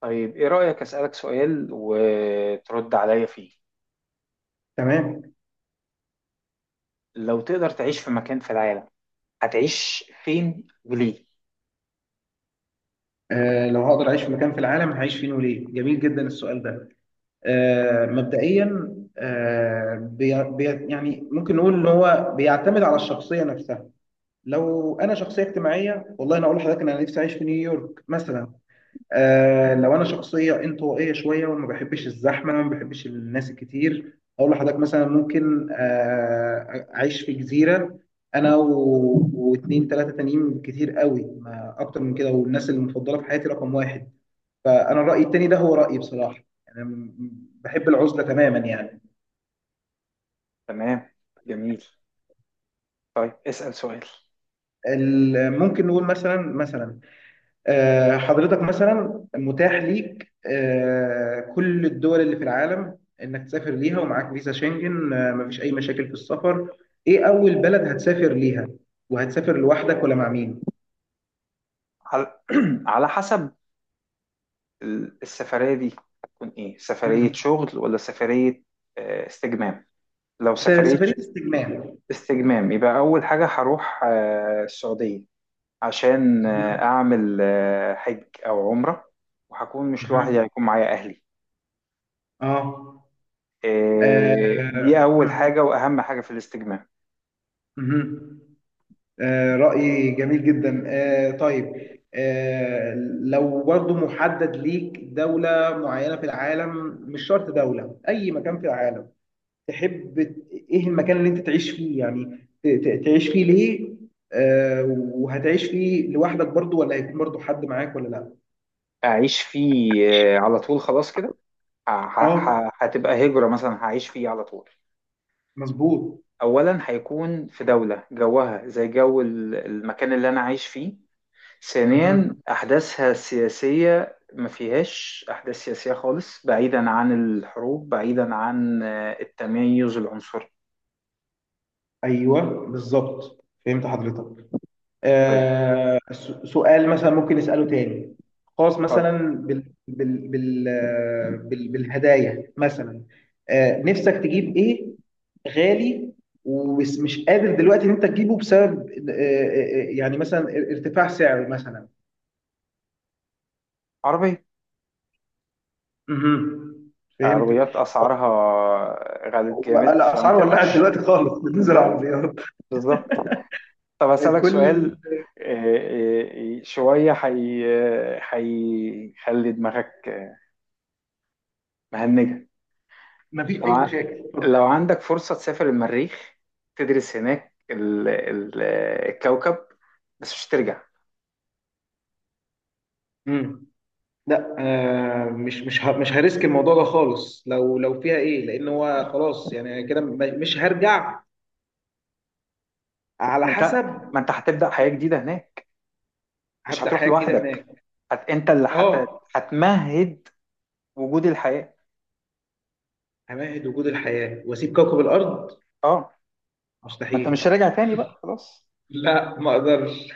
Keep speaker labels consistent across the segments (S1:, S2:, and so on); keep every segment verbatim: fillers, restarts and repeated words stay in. S1: طيب إيه رأيك أسألك سؤال وترد عليا فيه.
S2: تمام.
S1: لو تقدر تعيش في مكان في العالم هتعيش فين وليه؟
S2: آه لو هقدر اعيش في مكان في العالم هعيش فين وليه؟ جميل جدا السؤال ده. آه مبدئيا، آه بي بي يعني ممكن نقول ان هو بيعتمد على الشخصيه نفسها. لو انا شخصيه اجتماعيه، والله انا اقول لحضرتك إن انا نفسي اعيش في نيويورك مثلا. آه لو انا شخصيه انطوائيه شويه وما بحبش الزحمه وما بحبش الناس الكتير، اقول لحضرتك مثلا ممكن آه اعيش في جزيره. انا و- واتنين تلاته تانيين، كتير قوي ما اكتر من كده، والناس المفضله في حياتي رقم واحد. فانا الراي التاني ده هو رايي بصراحه. انا م- بحب العزله تماما يعني.
S1: تمام. جميل. طيب اسأل سؤال.
S2: ال- ممكن نقول مثلا مثلا آه، حضرتك مثلا متاح ليك آه، كل الدول اللي في العالم انك تسافر ليها، ومعاك فيزا شنجن، آه، مفيش اي مشاكل في السفر. ايه اول بلد هتسافر ليها؟ وهتسافر لوحدك ولا مع مين؟
S1: على، على حسب ال- السفرية دي هتكون إيه، سفرية
S2: مم.
S1: شغل ولا سفرية آه، استجمام؟ لو
S2: س-
S1: سفرية
S2: سفرية استجمام.
S1: استجمام يبقى أول حاجة هروح آه، السعودية، عشان آه،
S2: مهم.
S1: أعمل آه، حج أو عمرة. وهكون مش لوحدي،
S2: مهم.
S1: هيكون معايا أهلي.
S2: اه.
S1: آه، دي
S2: آه،
S1: أول
S2: مم.
S1: حاجة وأهم حاجة في الاستجمام.
S2: مهم. آه، رأي جميل جدا. آه، طيب. آه، لو برضو محدد ليك دولة معينة في العالم، مش شرط دولة، أي مكان في العالم. تحب ت- إيه المكان اللي أنت تعيش فيه، يعني ت- ت- تعيش فيه ليه؟ آه، وهتعيش فيه لوحدك برضو ولا هيكون برضو حد معاك ولا لا؟
S1: أعيش فيه آه، على طول خلاص كده. ه- ه-
S2: آه
S1: ه- هتبقى هجرة مثلا، هعيش فيه على طول.
S2: مظبوط.
S1: أولا هيكون في دولة جوها زي جو ال- المكان اللي أنا عايش فيه. ثانيا
S2: مهم.
S1: أحداثها السياسية ما فيهاش أحداث سياسية خالص، بعيدا عن الحروب، بعيدا عن آه، التميز العنصري.
S2: أيوه، بالظبط، فهمت حضرتك.
S1: طيب
S2: آه، س- سؤال مثلا ممكن نسأله تاني، خاص
S1: اتفضل.
S2: مثلا. بال بال بال آه، بال بالهدايا مثلا. آه، نفسك تجيب ايه؟ غالي، ومش مش قادر دلوقتي ان انت تجيبه بسبب، آه، آه، آه، يعني مثلا ارتفاع سعره مثلا.
S1: عربية.
S2: مهم.
S1: عربيات
S2: فهمتك.
S1: أسعارها غالت جامد فما
S2: الاسعار ولعت
S1: تقدرش.
S2: دلوقتي خالص. بتنزل
S1: بالظبط،
S2: عربيات.
S1: بالظبط. طب أسألك
S2: كل.
S1: سؤال آه، آه، شوية حي، هيخلي دماغك آه، مهنجة.
S2: ما فيش
S1: لو
S2: اي
S1: ع-
S2: مشاكل، اتفضل.
S1: لو عندك فرصة تسافر المريخ، تدرس هناك ال- ال- الكوكب، بس مش ترجع.
S2: مم. لا، آه مش مش ه- مش هريسك الموضوع ده خالص، لو لو فيها ايه، لان هو خلاص يعني كده م- مش هرجع. على
S1: ما انت،
S2: حسب.
S1: ما انت هتبدأ حياة جديدة هناك. مش
S2: هبدأ
S1: هتروح
S2: حياة جديدة هناك.
S1: لوحدك، هت... انت اللي هت...
S2: اه.
S1: هتمهد وجود الحياة.
S2: همهد وجود الحياة واسيب كوكب الارض؟
S1: اه. ما انت مش
S2: مستحيل.
S1: راجع تاني بقى خلاص.
S2: لا، ما اقدرش.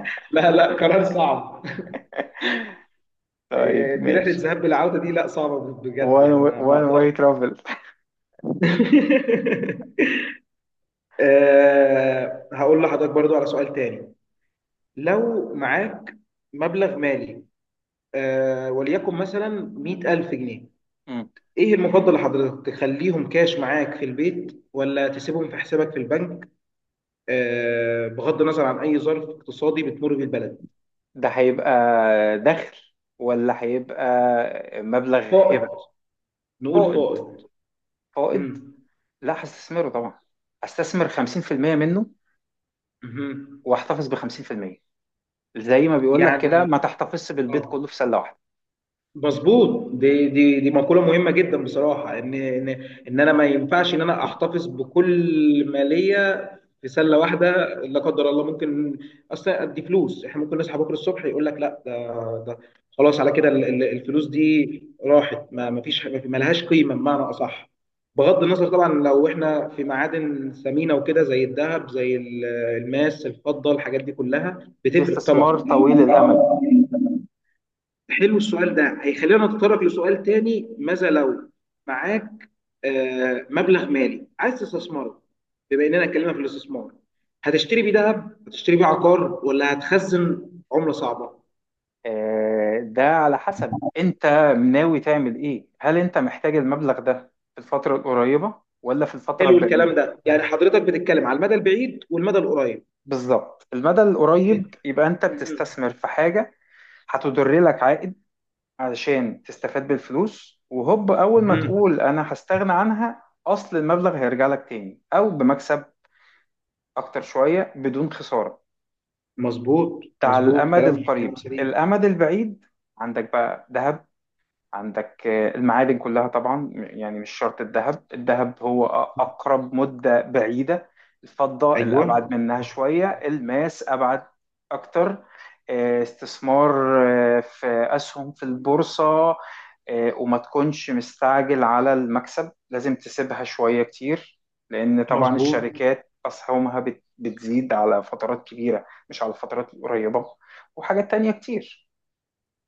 S2: لا، لا، قرار صعب. آه،
S1: طيب
S2: دي رحلة
S1: ماشي.
S2: ذهاب بالعودة، دي لا صعبة بجد يعني
S1: one way,
S2: ما ما
S1: one
S2: اقدرش.
S1: way travel.
S2: آه هقول لحضرتك برضو على سؤال تاني. لو معاك مبلغ مالي، آه، وليكن مثلا مية ألف جنيه، ايه المفضل لحضرتك، تخليهم كاش معاك في البيت ولا تسيبهم في حسابك في البنك؟ آه، بغض النظر عن اي ظرف اقتصادي بتمر بيه البلد.
S1: ده هيبقى دخل ولا هيبقى مبلغ هبة؟
S2: فائض. نقول
S1: فائض.
S2: فائض.
S1: فائض.
S2: مم.
S1: لا هستثمره طبعا، هستثمر خمسين في المية منه
S2: مهم.
S1: واحتفظ ب خمسين في المية. زي ما بيقول لك كده،
S2: يعني.
S1: ما تحتفظش بالبيت كله
S2: اه.
S1: في سلة واحدة.
S2: مظبوط، دي دي دي مقولة مهمة جدا بصراحة ان ان ان انا ما ينفعش ان انا احتفظ بكل مالية في سلة واحدة. لا قدر الله ممكن. اصلا دي فلوس، احنا ممكن نصحى بكرة الصبح يقول لك لا ده، ده خلاص على كده ال- ال- الفلوس دي راحت، ما ما فيش حاجة- ما لهاش قيمة بمعنى اصح. بغض النظر طبعا لو احنا في معادن ثمينة وكده زي الذهب، زي ال- الماس، الفضة، الحاجات دي كلها
S1: ده
S2: بتفرق
S1: استثمار
S2: طبعا.
S1: طويل الأمد.
S2: حلو السؤال ده، هيخلينا نتطرق لسؤال تاني. ماذا لو معاك آه، مبلغ مالي عايز تستثمره؟ بما اننا اتكلمنا في الاستثمار، هتشتري بيه ذهب، هتشتري بيه عقار، ولا هتخزن عملة صعبة؟
S1: آه، ده على حسب انت ناوي تعمل ايه، هل انت محتاج المبلغ ده في الفترة القريبة ولا في الفترة
S2: حلو الكلام
S1: البعيدة؟
S2: ده، يعني حضرتك بتتكلم على المدى البعيد والمدى القريب.
S1: بالظبط. المدى
S2: مهم.
S1: القريب يبقى انت بتستثمر في حاجة هتدر لك عائد، علشان تستفاد بالفلوس وهوب اول ما
S2: مهم.
S1: تقول انا هستغنى عنها اصل المبلغ هيرجع لك تاني او بمكسب اكتر شوية بدون خسارة.
S2: مظبوط
S1: ده على
S2: مظبوط،
S1: الامد
S2: كلام كلام
S1: القريب.
S2: سليم.
S1: الامد البعيد عندك بقى ذهب، عندك آه، المعادن كلها طبعا، يعني مش شرط الذهب. الذهب هو أ- أقرب مدة بعيدة، الفضة اللي أبعد
S2: ايوه،
S1: منها شوية، الماس أبعد أكتر. آه، استثمار آه، في أسهم في البورصة، آه، وما تكونش مستعجل على المكسب، لازم تسيبها شوية كتير، لأن طبعا
S2: مظبوط.
S1: الشركات أسهمها بت- بتزيد على فترات كبيرة مش على فترات قريبة. وحاجات تانية كتير.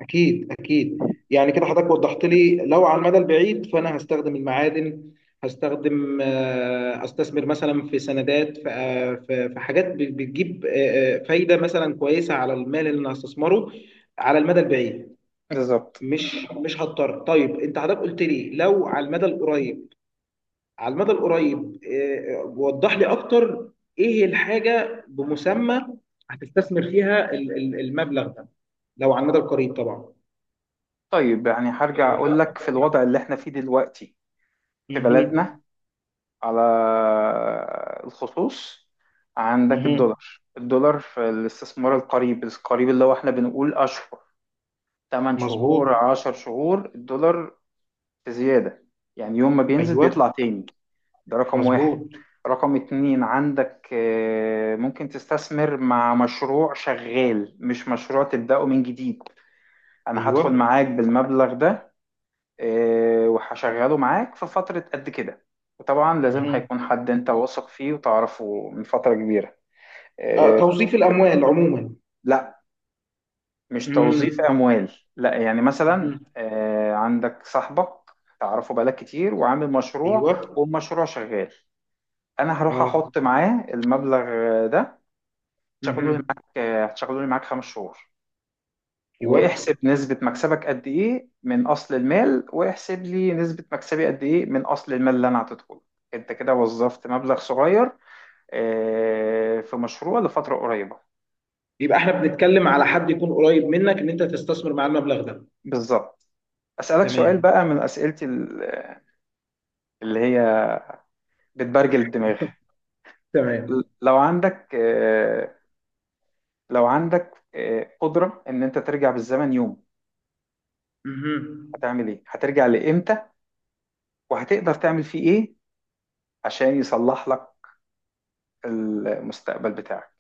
S2: أكيد أكيد. يعني كده حضرتك وضحت لي، لو على المدى البعيد فأنا هستخدم المعادن، هستخدم آه، أستثمر مثلا في سندات، في آه، في في حاجات ب- بتجيب آه، آه، فايدة مثلا كويسة على المال اللي أنا هستثمره على المدى البعيد.
S1: بالظبط.
S2: مش مش هضطر. طيب أنت حضرتك قلت لي لو على المدى القريب، على المدى القريب آه، آه، وضح لي أكتر. إيه الحاجة بمسمى هتستثمر فيها ال- ال- المبلغ ده لو على المدى القريب طبعا؟
S1: طيب يعني هرجع أقول لك في الوضع اللي احنا فيه دلوقتي في بلدنا
S2: مهم.
S1: على الخصوص. عندك
S2: مهم.
S1: الدولار. الدولار في الاستثمار القريب القريب اللي هو احنا بنقول أشهر، ثمانية شهور،
S2: مظبوط.
S1: عشر شهور، الدولار في زيادة، يعني يوم ما بينزل
S2: ايوه،
S1: بيطلع تاني. ده رقم واحد.
S2: مظبوط.
S1: رقم اتنين عندك آه، ممكن تستثمر مع مشروع شغال، مش مشروع تبدأه من جديد. أنا
S2: ايوه.
S1: هدخل معاك بالمبلغ ده، آه، وهشغله معاك في فترة قد كده. وطبعا لازم
S2: مهم.
S1: هيكون حد انت واثق فيه وتعرفه من فترة كبيرة.
S2: آه، توظيف الاموال عموما.
S1: لا مش توظيف
S2: مهم.
S1: اموال. لا يعني مثلا
S2: مهم.
S1: آه، عندك صاحبك تعرفه بقالك كتير وعامل مشروع،
S2: ايوه.
S1: والمشروع شغال. انا هروح
S2: اه.
S1: احط معاه المبلغ ده، هتشغله لي
S2: مهم.
S1: معاك آه، هتشغله لي معاك خمس شهور.
S2: ايوه.
S1: واحسب نسبة مكسبك قد ايه من اصل المال، واحسب لي نسبة مكسبي قد ايه من اصل المال اللي انا هتدخله. انت كده وظفت مبلغ صغير آه، في مشروع لفترة قريبة.
S2: يبقى احنا بنتكلم على حد يكون قريب منك ان انت تستثمر معاه المبلغ ده.
S1: بالظبط. أسألك سؤال
S2: تمام،
S1: بقى من أسئلتي ال- اللي هي بتبرجل الدماغ.
S2: تمام.
S1: لو عندك آه، لو عندك آه، قدرة إن أنت ترجع بالزمن يوم،
S2: مهم.
S1: هتعمل إيه؟ هترجع لإمتى؟ وهتقدر تعمل فيه إيه عشان يصلح لك المستقبل بتاعك؟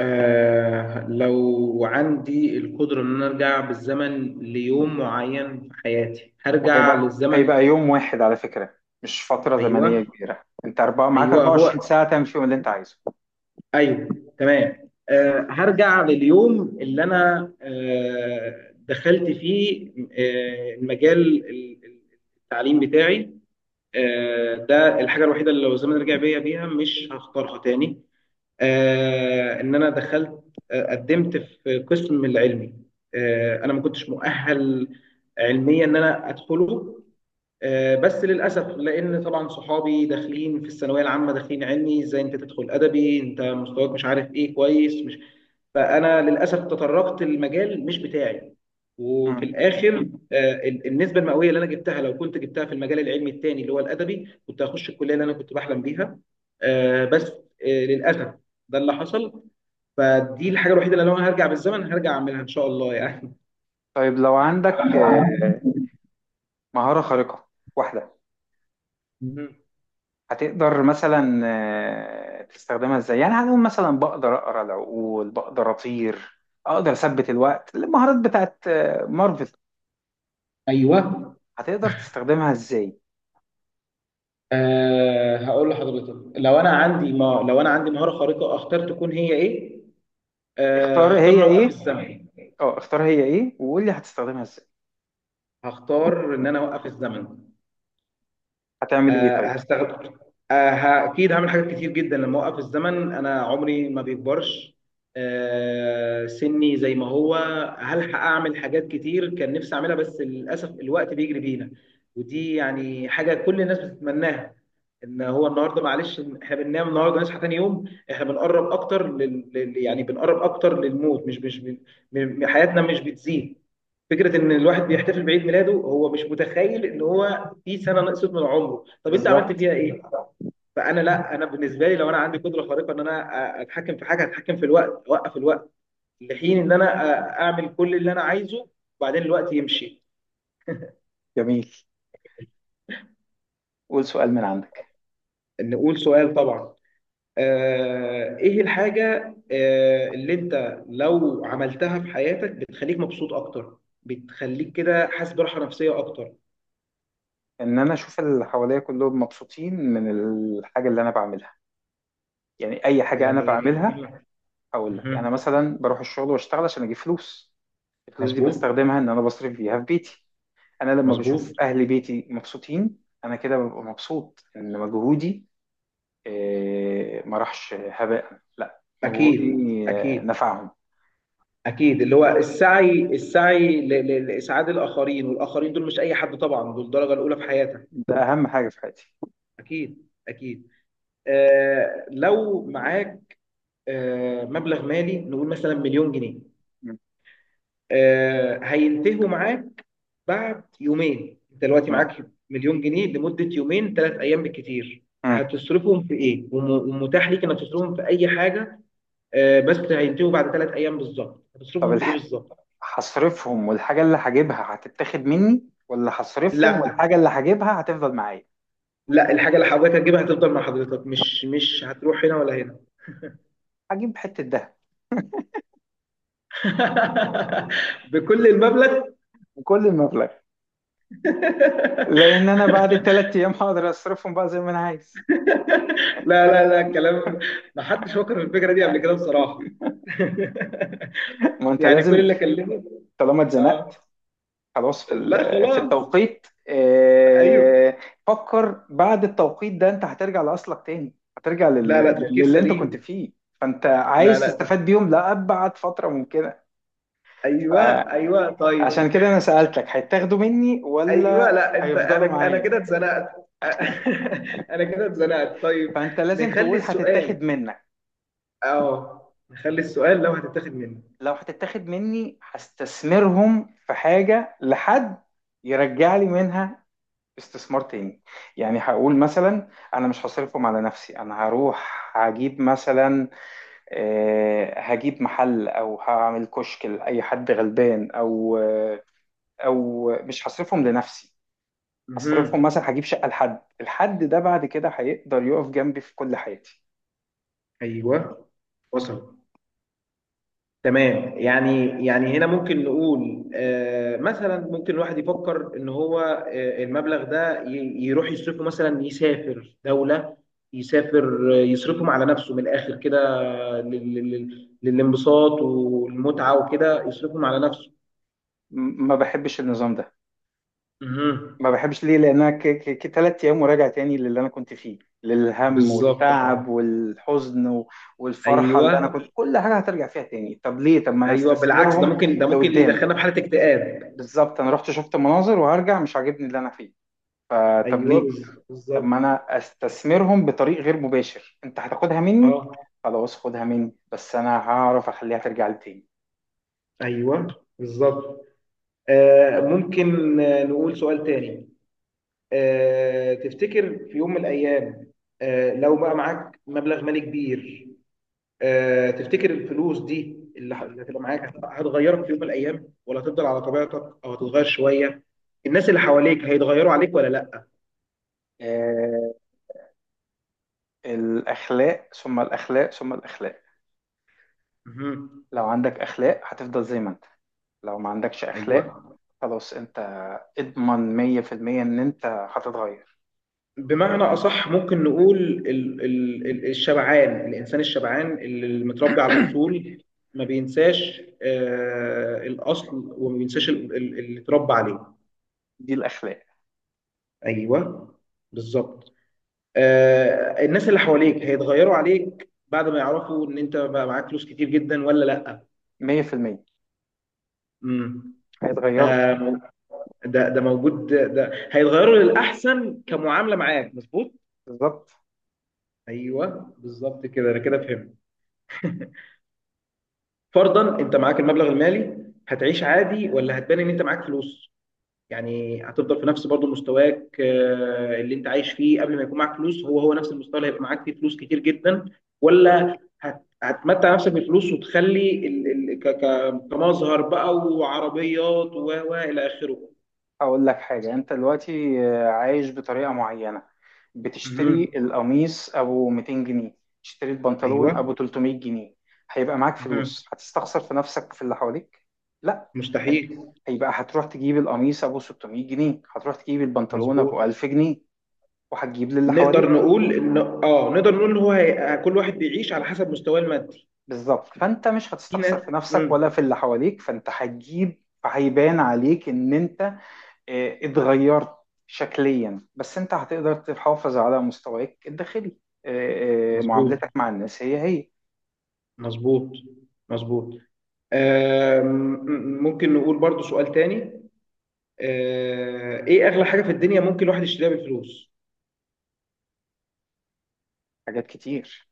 S2: آه لو عندي القدرة إن أنا أرجع بالزمن ليوم معين في حياتي، هرجع
S1: وهيبقى
S2: للزمن.
S1: هيبقى يوم واحد على فكرة، مش فترة زمنية
S2: أيوه،
S1: كبيرة. أنت أربعة معاك
S2: أيوه،
S1: اربعة وعشرين
S2: هو،
S1: ساعة تعمل فيهم اللي أنت عايزه.
S2: ايوه، تمام. أه هرجع لليوم اللي انا أه دخلت فيه أه المجال ال- ال- التعليم بتاعي. أه ده الحاجه الوحيده اللي لو الزمن رجع بيا بيها مش هختارها تاني. أه ان انا دخلت، آه، قدمت في قسم العلمي. أه انا ما كنتش مؤهل علميا ان انا ادخله. آه، بس للاسف، لان طبعا صحابي داخلين في الثانويه العامه داخلين علمي، ازاي انت تدخل ادبي؟ انت مستواك مش عارف ايه، كويس، مش. فانا للاسف تطرقت المجال مش بتاعي. وفي
S1: مم.
S2: الاخر، آه، ال- النسبه المئويه اللي انا جبتها، لو كنت جبتها في المجال العلمي التاني اللي هو الادبي، كنت هخش الكليه اللي انا كنت بحلم بيها. آه، بس آه، للاسف، ده اللي حصل. فدي الحاجه الوحيده اللي لو انا هرجع بالزمن هرجع اعملها ان شاء الله يعني.
S1: طيب لو عندك آه، مهارة خارقة واحدة،
S2: مهم.
S1: هتقدر مثلا آه، تستخدمها ازاي؟ يعني هنقول مثلا بقدر اقرا العقول، بقدر اطير، اقدر اثبت الوقت، المهارات بتاعت آه، مارفل.
S2: ايوه.
S1: هتقدر تستخدمها ازاي؟
S2: أه هقول لحضرتك، لو انا عندي ما لو انا عندي مهاره خارقه، اختار تكون هي ايه؟ أه
S1: اختار
S2: هختار
S1: هي
S2: ان أنا اوقف
S1: ايه.
S2: الزمن.
S1: اه، اختار هي ايه وقول لي هتستخدمها ازاي.
S2: هختار ان انا اوقف الزمن.
S1: هتعمل ايه
S2: أه
S1: طيب؟
S2: هستخدم أه ه- اكيد هعمل حاجات كتير جدا. لما اوقف الزمن انا عمري ما بيكبرش. أه سني زي ما هو. هلحق اعمل حاجات كتير كان نفسي اعملها، بس للاسف الوقت بيجري بينا. ودي يعني حاجه كل الناس بتتمناها، ان هو النهارده معلش إن احنا بننام النهارده نصحى تاني يوم، احنا بنقرب اكتر لل... لل- يعني بنقرب اكتر للموت. مش مش ب... م... حياتنا مش بتزيد. فكره ان الواحد بيحتفل بعيد ميلاده هو مش متخيل ان هو في سنه نقصت من عمره، طب انت عملت
S1: بالظبط.
S2: فيها ايه؟ فانا لا، انا بالنسبه لي لو انا عندي قدره خارقه ان انا أ- اتحكم في حاجه، اتحكم في الوقت، اوقف الوقت لحين ان انا أ- اعمل كل اللي انا عايزه، وبعدين الوقت يمشي.
S1: جميل. قول سؤال من عندك.
S2: نقول سؤال طبعا. آه، ايه الحاجة آه، اللي انت لو عملتها في حياتك بتخليك مبسوط اكتر، بتخليك كده حاسس براحة نفسية اكتر؟
S1: ان انا اشوف اللي حواليا كلهم مبسوطين من الحاجه اللي انا بعملها. يعني اي حاجه انا
S2: يعني.
S1: بعملها، هقول لك انا
S2: مهم.
S1: مثلا بروح الشغل واشتغل عشان اجيب فلوس. الفلوس دي
S2: مظبوط.
S1: بستخدمها ان انا بصرف بيها في بيتي. انا لما بشوف
S2: مظبوط.
S1: اهل بيتي مبسوطين، انا كده ببقى مبسوط ان مجهودي آه، ما راحش هباء، لا مجهودي
S2: اكيد،
S1: آه،
S2: اكيد.
S1: نفعهم.
S2: اكيد اللي هو السعي، السعي ل- ل- لاسعاد الاخرين، والاخرين دول مش اي حد طبعا، دول الدرجة الاولى في حياتك.
S1: ده اهم حاجه في حياتي.
S2: اكيد، اكيد. آه لو معاك آه مبلغ مالي، نقول مثلا مليون جنيه،
S1: م-
S2: آه هينتهوا معاك بعد يومين. انت دلوقتي
S1: م-
S2: معاك مليون جنيه لمده يومين، ثلاث ايام بالكتير.
S1: م.
S2: هتصرفهم في ايه؟ وم- ومتاح ليك انك تصرفهم في اي حاجه، آه، بس هينتهوا بعد ثلاث ايام بالظبط.
S1: طب
S2: هتصرفهم في ايه
S1: الح...
S2: بالظبط؟
S1: هصرفهم والحاجه اللي هجيبها هتتاخد مني، ولا هصرفهم
S2: لا،
S1: والحاجه اللي هجيبها هتفضل معايا؟
S2: لا، الحاجه اللي حضرتك هتجيبها هتفضل مع حضرتك، مش مش هتروح هنا ولا هنا.
S1: هجيب حته دهب،
S2: بكل المبلغ؟
S1: وكل المبلغ. لان انا بعد الثلاث ايام هقدر اصرفهم بقى زي ما انا عايز.
S2: لا، لا، لا، الكلام ما حدش فكر في الفكره دي قبل كده بصراحه.
S1: ما انت
S2: يعني كل
S1: لازم،
S2: اللي اكلمه.
S1: طالما
S2: اه.
S1: اتزنقت خلاص في ال-
S2: لا
S1: آه، في
S2: خلاص.
S1: التوقيت،
S2: ايوه.
S1: آه، فكر بعد التوقيت ده انت هترجع لاصلك تاني، هترجع لل-
S2: لا، لا،
S1: لل-
S2: تفكير
S1: للي انت كنت
S2: سليم.
S1: فيه. فانت
S2: لا،
S1: عايز
S2: لا،
S1: تستفاد
S2: تف...
S1: بيهم لأبعد فترة ممكنة.
S2: ايوه،
S1: فعشان
S2: ايوه، طيب.
S1: كده انا سألتك هيتاخدوا مني
S2: ايوه،
S1: ولا
S2: لا انت،
S1: هيفضلوا
S2: انا انا
S1: معايا؟
S2: كده اتزنقت. انا كده اتزنقت، طيب.
S1: فانت لازم
S2: نخلي
S1: تقول هتتاخد
S2: السؤال.
S1: منك.
S2: اه نخلي السؤال لو هتتاخد مني.
S1: لو هتتاخد مني هستثمرهم في حاجة لحد يرجع لي منها استثمار تاني. يعني هقول مثلا انا مش هصرفهم على نفسي، انا هروح هجيب مثلا آه، هجيب محل او هعمل كشك لاي حد غلبان، او آه، او مش هصرفهم لنفسي، هصرفهم
S2: مهم.
S1: مثلا هجيب شقة لحد، الحد ده بعد كده هيقدر يقف جنبي في كل حياتي.
S2: ايوه. وصل. تمام. يعني يعني هنا ممكن نقول آه مثلا ممكن الواحد يفكر ان هو آه المبلغ ده ي- يروح يصرفه، مثلا يسافر دولة، يسافر، آه، يصرفهم على نفسه من الاخر كده، لل- لل- للانبساط والمتعة وكده يصرفهم على نفسه.
S1: م- ما بحبش النظام ده.
S2: مهم.
S1: ما بحبش ليه؟ لانها ك... ك... ك- تلات ايام وراجع تاني للي انا كنت فيه، للهم
S2: بالظبط،
S1: والتعب
S2: اه.
S1: والحزن و... والفرحه، اللي انا
S2: ايوه،
S1: كنت كل حاجه هترجع فيها تاني. طب ليه؟ طب ما انا
S2: ايوه، بالعكس، ده
S1: استثمرهم
S2: ممكن ده ممكن
S1: لقدام.
S2: يدخلنا في حالة اكتئاب.
S1: بالظبط، انا رحت شفت مناظر وهرجع مش عاجبني اللي انا فيه، فطب
S2: ايوه،
S1: ليه؟
S2: بز-
S1: طب ما
S2: بالظبط.
S1: انا استثمرهم بطريق غير مباشر. انت هتاخدها مني،
S2: اه.
S1: خلاص خدها مني، بس انا هعرف اخليها ترجع لي تاني.
S2: ايوه، بالظبط. آه ممكن آه، نقول سؤال تاني. آه تفتكر في يوم من الايام، آه لو بقى معاك مبلغ مالي كبير، آه، تفتكر الفلوس دي اللي ه- اللي هتبقى معاك هت- هتغيرك في يوم من الايام، ولا هتفضل على طبيعتك او هتتغير شويه؟ الناس اللي حواليك هيتغيروا عليك ولا لا؟
S1: آه، الاخلاق ثم الاخلاق ثم الاخلاق.
S2: مهم.
S1: لو عندك اخلاق هتفضل زي ما انت. لو ما عندكش اخلاق
S2: ايوه،
S1: خلاص، انت اضمن مية في المية ان انت هتتغير.
S2: بمعنى اصح ممكن نقول ال ال ال الشبعان، الانسان الشبعان اللي متربي على الاصول ما بينساش آه الاصل، وما بينساش ال- ال- اللي اتربى عليه.
S1: دي الاخلاق.
S2: ايوه، بالظبط. آه الناس اللي حواليك هيتغيروا عليك بعد ما يعرفوا ان انت بقى معاك فلوس كتير جدا ولا لا؟
S1: مية في المية
S2: امم. ده
S1: هيتغيروا.
S2: مو- ده ده موجود، ده هيتغيروا للاحسن كمعامله معاك. مظبوط.
S1: بالظبط.
S2: ايوه، بالظبط كده، انا كده فهمت. فرضا انت معاك المبلغ المالي، هتعيش عادي ولا هتبان ان انت معاك فلوس؟ يعني هتفضل في نفس برضه مستواك، آه، اللي انت عايش فيه قبل ما يكون معاك فلوس هو هو نفس المستوى اللي هيبقى معاك فيه فلوس كتير جدا، ولا هت- هتمتع نفسك بالفلوس وتخلي ال- ال- ك- ك- كمظهر بقى، وعربيات و و الى اخره.
S1: اقول لك حاجه، انت دلوقتي آه، عايش بطريقه معينه، بتشتري
S2: مهم.
S1: القميص ابو ميتين جنيه، تشتري البنطلون ابو
S2: ايوه.
S1: تلتمية جنيه. هيبقى معاك فلوس هتستخسر في نفسك في اللي حواليك؟ لا. هت-
S2: مستحيل.
S1: هيبقى هتروح تجيب القميص ابو ستمية جنيه، هتروح تجيب البنطلون
S2: مظبوط.
S1: ابو ألف جنيه، وهتجيب للي حواليك.
S2: نقدر نقول ان اه نقدر نقول ان هو هي... كل واحد بيعيش على حسب مستواه المادي.
S1: بالظبط، فانت مش
S2: في
S1: هتستخسر
S2: ناس.
S1: في نفسك ولا
S2: مم.
S1: في اللي حواليك، فانت هتجيب، هيبان عليك ان انت آه، اتغيرت شكليا، بس انت هتقدر تحافظ على مستواك الداخلي. آه، آه،
S2: مظبوط،
S1: معاملتك مع الناس هي هي.
S2: مظبوط، مظبوط. آم، مم، ممكن نقول برضو سؤال تاني. آه، ايه اغلى حاجة في الدنيا ممكن الواحد يشتريها بالفلوس؟
S1: حاجات كتير.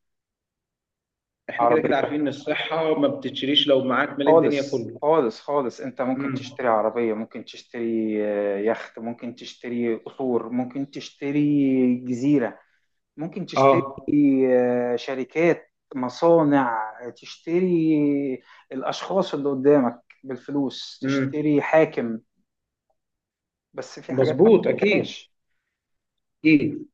S2: احنا كده كده
S1: عربية.
S2: عارفين ان الصحة ما بتتشريش لو معاك مال الدنيا
S1: خالص
S2: كله.
S1: خالص خالص، انت ممكن
S2: مم.
S1: تشتري عربية، ممكن تشتري آه، يخت، ممكن تشتري قصور، ممكن تشتري جزيرة، ممكن تشتري
S2: اه.
S1: آه، شركات، مصانع، تشتري الأشخاص اللي قدامك بالفلوس،
S2: مم.
S1: تشتري حاكم. بس في حاجات ما
S2: مظبوط، اكيد،
S1: بتشتريش.
S2: اكيد.